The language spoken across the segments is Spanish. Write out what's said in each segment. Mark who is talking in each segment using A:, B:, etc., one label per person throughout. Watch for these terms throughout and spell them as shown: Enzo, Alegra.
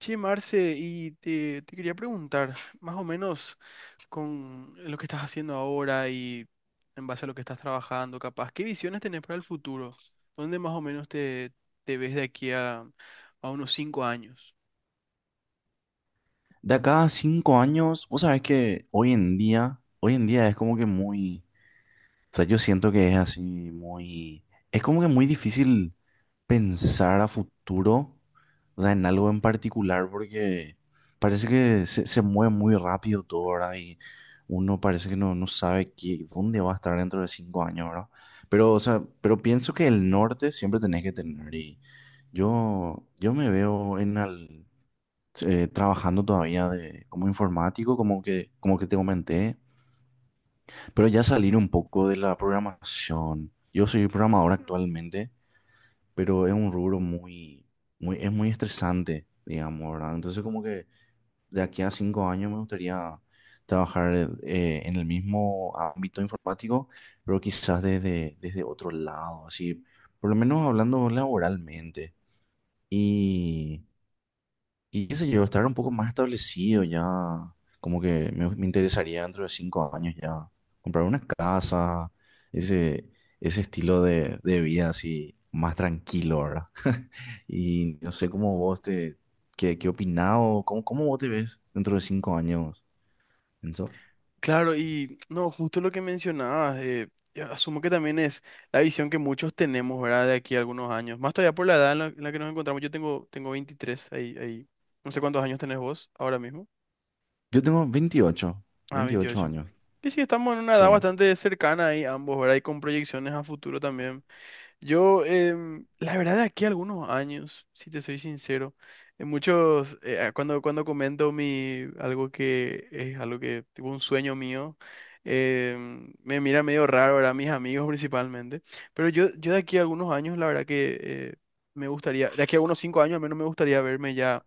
A: Che, Marce, y te quería preguntar, más o menos con lo que estás haciendo ahora y en base a lo que estás trabajando, capaz, ¿qué visiones tenés para el futuro? ¿Dónde más o menos te ves de aquí a unos cinco años?
B: De acá a 5 años, vos sabés que hoy en día es como que o sea, yo siento que es así muy, es como que muy difícil pensar a futuro, o sea, en algo en particular, porque parece que se mueve muy rápido todo, ¿verdad? Y uno parece que no sabe qué, dónde va a estar dentro de 5 años, ¿verdad? Pero, o sea, pero pienso que el norte siempre tenés que tener y yo me veo en al trabajando todavía como informático, como que te comenté, pero ya salir un poco de la programación. Yo soy programador actualmente, pero es un rubro es muy estresante, digamos, ¿verdad? Entonces como que de aquí a 5 años me gustaría trabajar en el mismo ámbito informático, pero quizás desde otro lado, así, por lo menos hablando laboralmente. Y Y qué sé yo, estar un poco más establecido ya, como que me interesaría dentro de 5 años ya comprar una casa, ese, ese estilo de vida así más tranquilo, ¿verdad? Y no sé cómo qué opinás o cómo vos te ves dentro de 5 años, Enzo.
A: Claro, y no, justo lo que mencionabas, yo asumo que también es la visión que muchos tenemos, ¿verdad? De aquí a algunos años, más todavía por la edad en la que nos encontramos, yo tengo 23, ahí, no sé cuántos años tenés vos ahora mismo.
B: Yo tengo veintiocho
A: Ah,
B: veintiocho
A: 28.
B: años,
A: Y sí, estamos en una edad
B: sí.
A: bastante cercana ahí ambos, ¿verdad? Y con proyecciones a futuro también. Yo, la verdad, de aquí a algunos años, si te soy sincero, en muchos, cuando comento algo que es algo que, tipo un sueño mío, me mira medio raro, ¿verdad? Mis amigos principalmente. Pero yo de aquí a algunos años, la verdad que me gustaría, de aquí a unos cinco años al menos me gustaría verme ya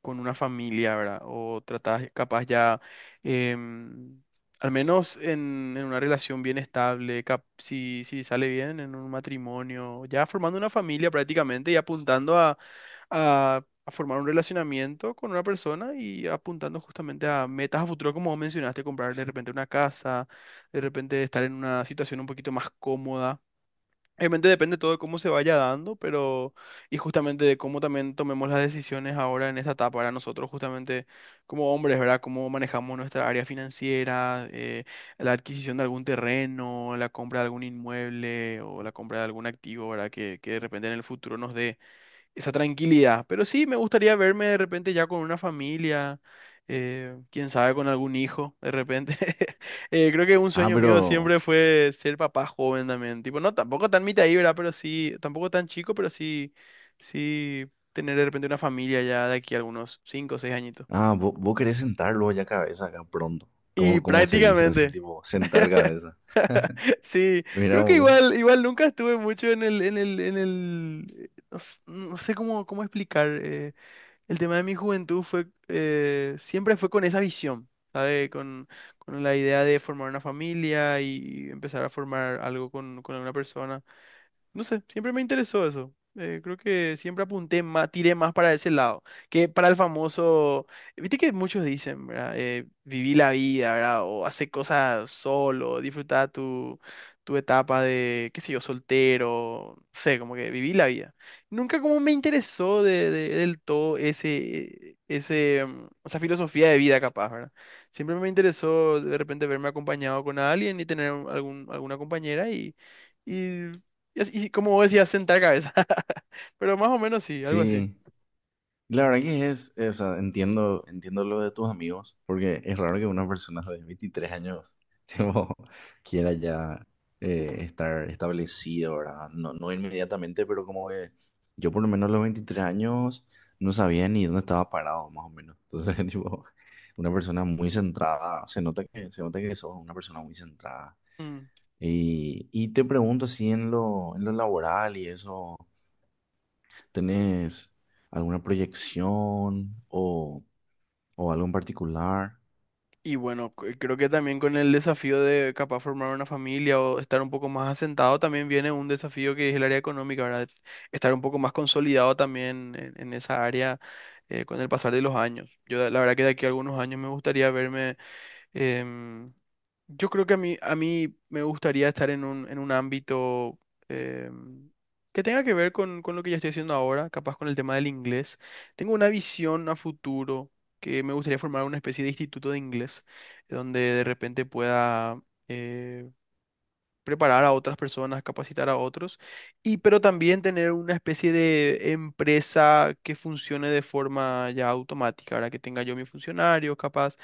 A: con una familia, ¿verdad? O tratar, capaz ya, em, al menos en una relación bien estable, si sale bien en un matrimonio, ya formando una familia prácticamente y apuntando a formar un relacionamiento con una persona y apuntando justamente a metas a futuro, como vos mencionaste, comprar de repente una casa, de repente estar en una situación un poquito más cómoda. Obviamente depende todo de cómo se vaya dando, pero y justamente de cómo también tomemos las decisiones ahora en esta etapa para nosotros, justamente como hombres, ¿verdad? Cómo manejamos nuestra área financiera, la adquisición de algún terreno, la compra de algún inmueble o la compra de algún activo, ¿verdad? Que de repente en el futuro nos dé esa tranquilidad. Pero sí, me gustaría verme de repente ya con una familia, quién sabe, con algún hijo, de repente. Creo que un
B: Ah,
A: sueño mío
B: pero,
A: siempre fue ser papá joven también. Tipo, no, tampoco tan mitad ibra, pero sí, tampoco tan chico, pero sí tener de repente una familia ya de aquí a algunos cinco o seis añitos.
B: ah, vos querés sentar luego ya cabeza acá pronto.
A: Y
B: ¿Cómo se dice así,
A: prácticamente,
B: tipo, sentar cabeza?
A: sí,
B: Mira,
A: creo que
B: vos.
A: igual nunca estuve mucho en el, no, no sé cómo explicar. El tema de mi juventud fue, siempre fue con esa visión, ¿sabe? Con la idea de formar una familia y empezar a formar algo con alguna persona. No sé, siempre me interesó eso. Creo que siempre apunté más, tiré más para ese lado, que para el famoso, viste que muchos dicen, ¿verdad? Viví la vida, ¿verdad? O hace cosas solo, disfrutar tu etapa de, qué sé yo, soltero, no sé, como que viví la vida. Nunca como me interesó del todo ese, esa filosofía de vida capaz, ¿verdad? Siempre me interesó de repente verme acompañado con alguien y tener algún, alguna compañera y... Y, y como vos decías, sentar cabeza. Pero más o menos sí, algo así.
B: Sí, la verdad que o sea, entiendo lo de tus amigos, porque es raro que una persona de 23 años tipo, quiera ya estar establecido, ¿verdad? No, no inmediatamente, pero como que yo por lo menos a los 23 años no sabía ni dónde estaba parado, más o menos. Entonces, tipo, una persona muy centrada, se nota que sos una persona muy centrada.
A: Mm.
B: Y te pregunto así en lo laboral y eso. ¿Tenés alguna proyección o algo en particular?
A: Y bueno, creo que también con el desafío de capaz formar una familia o estar un poco más asentado, también viene un desafío que es el área económica, ¿verdad? Estar un poco más consolidado también en esa área con el pasar de los años. Yo la verdad que de aquí a algunos años me gustaría verme. Em, yo creo que a mí me gustaría estar en en un ámbito em, que tenga que ver con lo que ya estoy haciendo ahora, capaz con el tema del inglés. Tengo una visión a futuro que me gustaría formar una especie de instituto de inglés, donde de repente pueda eh, preparar a otras personas, capacitar a otros, y pero también tener una especie de empresa que funcione de forma ya automática, ahora que tenga yo mis funcionarios, capaz.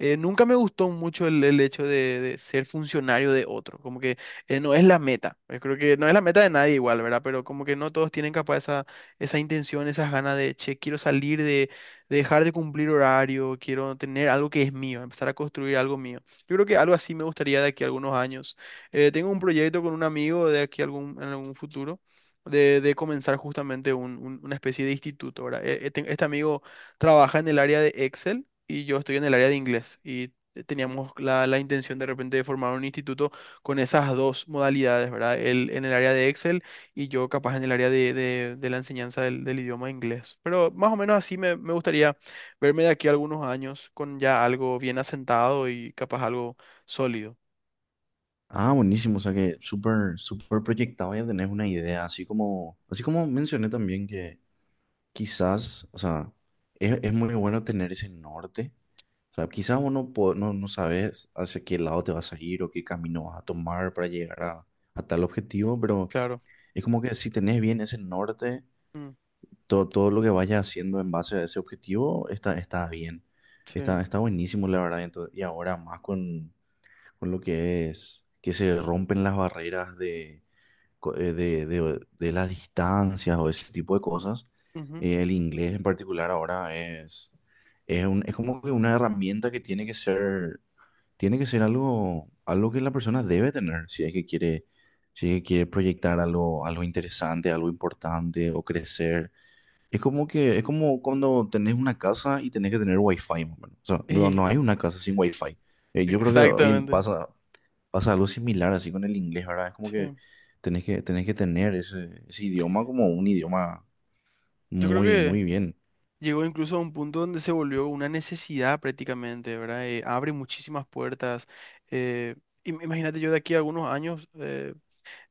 A: Nunca me gustó mucho el hecho de ser funcionario de otro, como que no es la meta, yo creo que no es la meta de nadie igual, ¿verdad? Pero como que no todos tienen capaz esa intención, esas ganas de, che, quiero salir de dejar de cumplir horario, quiero tener algo que es mío, empezar a construir algo mío. Yo creo que algo así me gustaría de aquí a algunos años. Tengo un proyecto con un amigo de aquí algún, en algún futuro de comenzar justamente una especie de instituto, ¿verdad? Este amigo trabaja en el área de Excel y yo estoy en el área de inglés y teníamos la intención de repente de formar un instituto con esas dos modalidades, ¿verdad? Él en el área de Excel y yo capaz en el área de la enseñanza del idioma inglés. Pero más o menos así me gustaría verme de aquí a algunos años con ya algo bien asentado y capaz algo sólido.
B: Ah, buenísimo, o sea que súper, súper proyectado ya tenés una idea, así como mencioné también que quizás, o sea, es muy bueno tener ese norte, o sea, quizás no, no sabes hacia qué lado te vas a ir o qué camino vas a tomar para llegar a tal objetivo, pero
A: Claro.
B: es como que si tenés bien ese norte todo lo que vayas haciendo en base a ese objetivo está bien.
A: Sí.
B: Está buenísimo, la verdad. Y ahora más con lo que es que se rompen las barreras de, co- de las distancias o ese tipo de cosas.
A: Ujú.
B: El inglés en particular ahora es como que una herramienta que tiene que ser algo que la persona debe tener si es que quiere proyectar algo interesante, algo importante o crecer. Es como que, es como cuando tenés una casa y tenés que tener wifi, más o menos. O sea, no hay
A: Y-
B: una casa sin wifi. Yo creo que hoy en-
A: exactamente.
B: pasa, pasa algo similar así con el inglés, ¿verdad? Es como que
A: Sí.
B: tenés que tener ese idioma como un idioma
A: Yo creo
B: muy,
A: que
B: muy bien.
A: llegó incluso a un punto donde se volvió una necesidad prácticamente, ¿verdad? Abre muchísimas puertas. eh, imagínate yo de aquí a algunos años eh,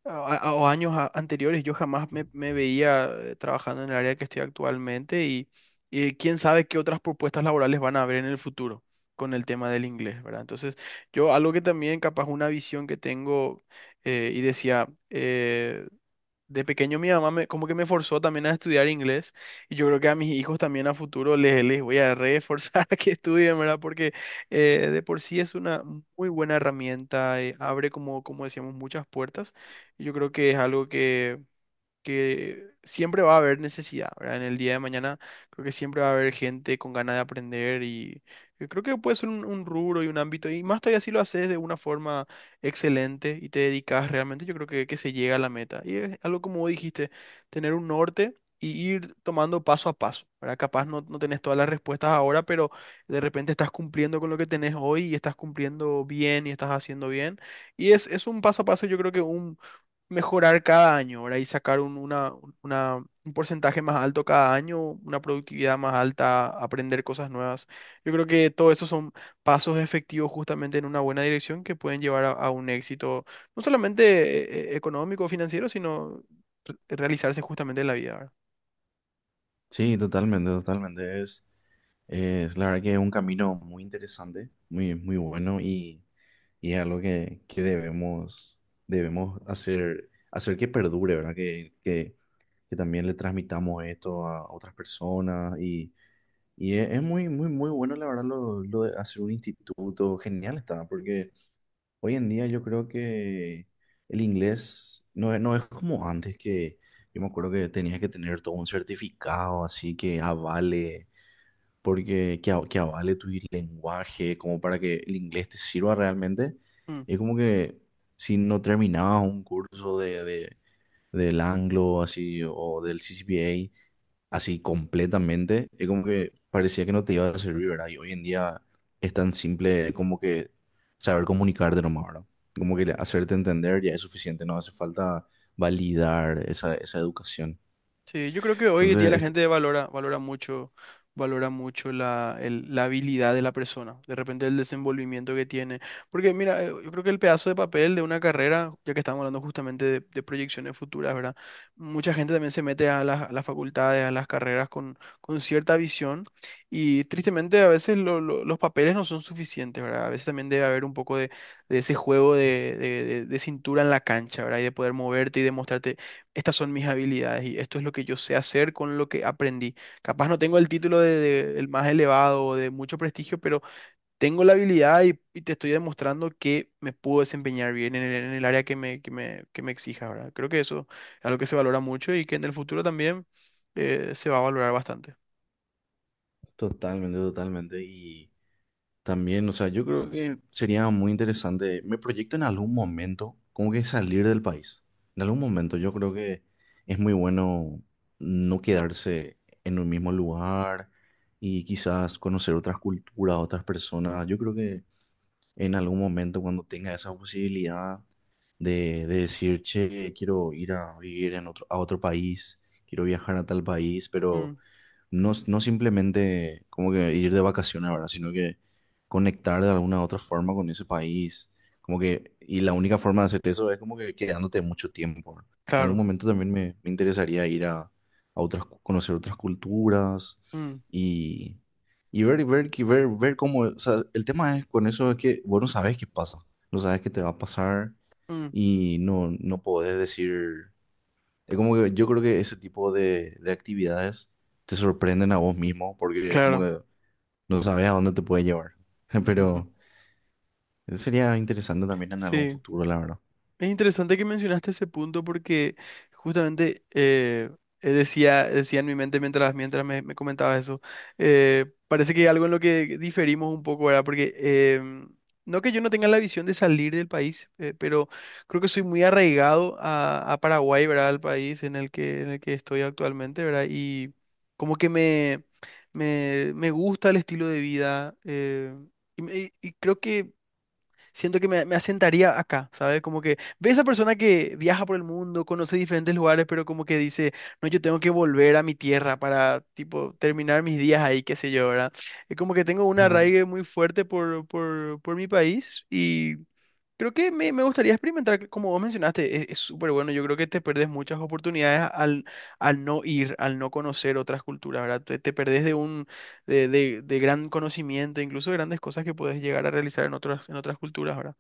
A: a- a- o años anteriores, yo jamás me veía trabajando en el área que estoy actualmente y quién sabe qué otras propuestas laborales van a haber en el futuro con el tema del inglés, ¿verdad? Entonces, yo algo que también capaz una visión que tengo y decía... De pequeño mi mamá me, como que me forzó también a estudiar inglés y yo creo que a mis hijos también a futuro les voy a reforzar a que estudien, ¿verdad? Porque de por sí es una muy buena herramienta, abre como, como decíamos muchas puertas y yo creo que es algo que siempre va a haber necesidad, ¿verdad? En el día de mañana creo que siempre va a haber gente con ganas de aprender y yo creo que puede ser un rubro y un ámbito y más todavía si lo haces de una forma excelente y te dedicas realmente, yo creo que se llega a la meta. Y es algo como vos dijiste, tener un norte. Y ir tomando paso a paso, ¿verdad? Capaz no tenés todas las respuestas ahora, pero de repente estás cumpliendo con lo que tenés hoy y estás cumpliendo bien y estás haciendo bien. Es un paso a paso, yo creo que mejorar cada año, ¿verdad? Y sacar un porcentaje más alto cada año, una productividad más alta, aprender cosas nuevas. Yo creo que todo eso son pasos efectivos justamente en una buena dirección que pueden llevar a un éxito, no solamente económico o financiero, sino realizarse justamente en la vida, ¿verdad?
B: Sí, totalmente, totalmente. Es la verdad que es un camino muy interesante, muy, muy bueno y es algo que debemos hacer que perdure, ¿verdad? Que también le transmitamos esto a otras personas y es muy, muy, muy bueno, la verdad, lo de hacer un instituto, genial está, porque hoy en día yo creo que el inglés no es como antes que yo me acuerdo que tenías que tener todo un certificado así que avale, porque que avale tu lenguaje, como para que el inglés te sirva realmente.
A: Mm.
B: Es como que si no terminabas un curso de del Anglo, así, o del CCPA así completamente, es como que parecía que no te iba a servir, ¿verdad? Y hoy en día es tan simple como que saber comunicarte nomás, ¿verdad? Como que hacerte entender ya es suficiente, no hace falta validar esa educación.
A: Sí, yo creo que hoy en día
B: Entonces,
A: la
B: es
A: gente valora mucho la habilidad de la persona, de repente el desenvolvimiento que tiene. Porque mira, yo creo que el pedazo de papel de una carrera, ya que estamos hablando justamente de proyecciones futuras, ¿verdad? Mucha gente también se mete a a las facultades, a las carreras con cierta visión y tristemente a veces los papeles no son suficientes, ¿verdad? A veces también debe haber un poco de ese juego de cintura en la cancha, ¿verdad? Y de poder moverte y demostrarte, estas son mis habilidades y esto es lo que yo sé hacer con lo que aprendí. Capaz no tengo el título el más elevado o de mucho prestigio, pero tengo la habilidad y te estoy demostrando que me puedo desempeñar bien en en el área que que me exija, ¿verdad? Creo que eso es algo que se valora mucho y que en el futuro también se va a valorar bastante.
B: totalmente, totalmente, también, o sea, yo creo que sería muy interesante. Me proyecto en algún momento, como que salir del país. En algún momento, yo creo que es muy bueno no quedarse en un mismo lugar y quizás conocer otras culturas, otras personas. Yo creo que en algún momento, cuando tenga esa posibilidad de decir, che, quiero ir a vivir a otro país, quiero viajar a tal país, pero
A: Mm,
B: no simplemente como que ir de vacaciones, ¿verdad? Sino que conectar de alguna otra forma con ese país. Como que, y la única forma de hacer eso es como que quedándote mucho tiempo, ¿verdad? En algún
A: claro.
B: momento también me interesaría ir conocer otras culturas
A: Mm,
B: y, y ver cómo, o sea, el tema es con eso es que vos no sabes qué pasa, no sabes qué te va a pasar
A: mm,
B: y no podés decir. Es como que yo creo que ese tipo de actividades te sorprenden a vos mismo porque es como
A: claro.
B: que no sabes a dónde te puede llevar.
A: Ujú.
B: Pero eso sería interesante también en algún
A: Sí.
B: futuro, la verdad.
A: Es interesante que mencionaste ese punto porque justamente decía, decía en mi mente mientras me comentabas eso, parece que algo en lo que diferimos un poco, ¿verdad? Porque em, no que yo no tenga la visión de salir del país, pero creo que soy muy arraigado a Paraguay, ¿verdad? Al país en el que estoy actualmente, ¿verdad? Y como que me gusta el estilo de vida y creo que siento que me asentaría acá, ¿sabes? Como que ve esa persona que viaja por el mundo, conoce diferentes lugares, pero como que dice, no, yo tengo que volver a mi tierra para, tipo, terminar mis días ahí, qué sé yo, ¿verdad? Es como que tengo un
B: Ajá.
A: arraigue muy fuerte por mi país y creo que me gustaría experimentar, como vos mencionaste, es súper bueno. Yo creo que te perdés muchas oportunidades al no ir, al no conocer otras culturas, ¿verdad? Te perdés de de gran conocimiento, incluso de grandes cosas que puedes llegar a realizar en en otras culturas, ¿verdad?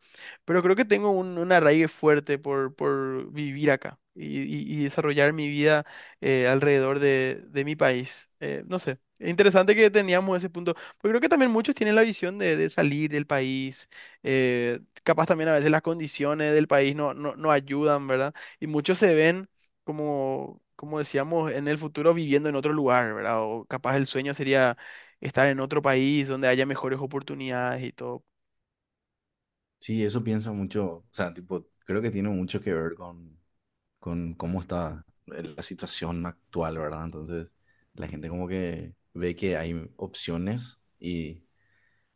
A: Pero creo que tengo un arraigo fuerte por vivir acá y desarrollar mi vida alrededor de mi país. No sé, es interesante que teníamos ese punto, porque creo que también muchos tienen la visión de salir del país eh, capaz también a veces las condiciones del país no ayudan, ¿verdad? Y muchos se ven como, como decíamos, en el futuro viviendo en otro lugar, ¿verdad? O capaz el sueño sería estar en otro país donde haya mejores oportunidades y todo.
B: Sí, eso pienso mucho, o sea, tipo, creo que tiene mucho que ver con cómo está la situación actual, ¿verdad? Entonces, la gente como que ve que hay opciones y,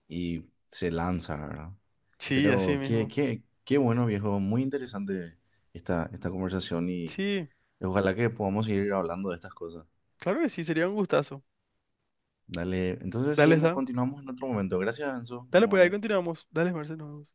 B: y se lanza, ¿verdad?
A: Sí, así
B: Pero qué,
A: mismo.
B: qué, qué bueno, viejo, muy interesante esta conversación.
A: Sí,
B: Ojalá que podamos seguir hablando de estas cosas.
A: claro que sí, sería un gustazo.
B: Dale, entonces
A: Dale,
B: seguimos,
A: está.
B: continuamos en otro momento. Gracias, Enzo, muy
A: Dale, pues ahí
B: amable.
A: continuamos. Dale, Marcelo.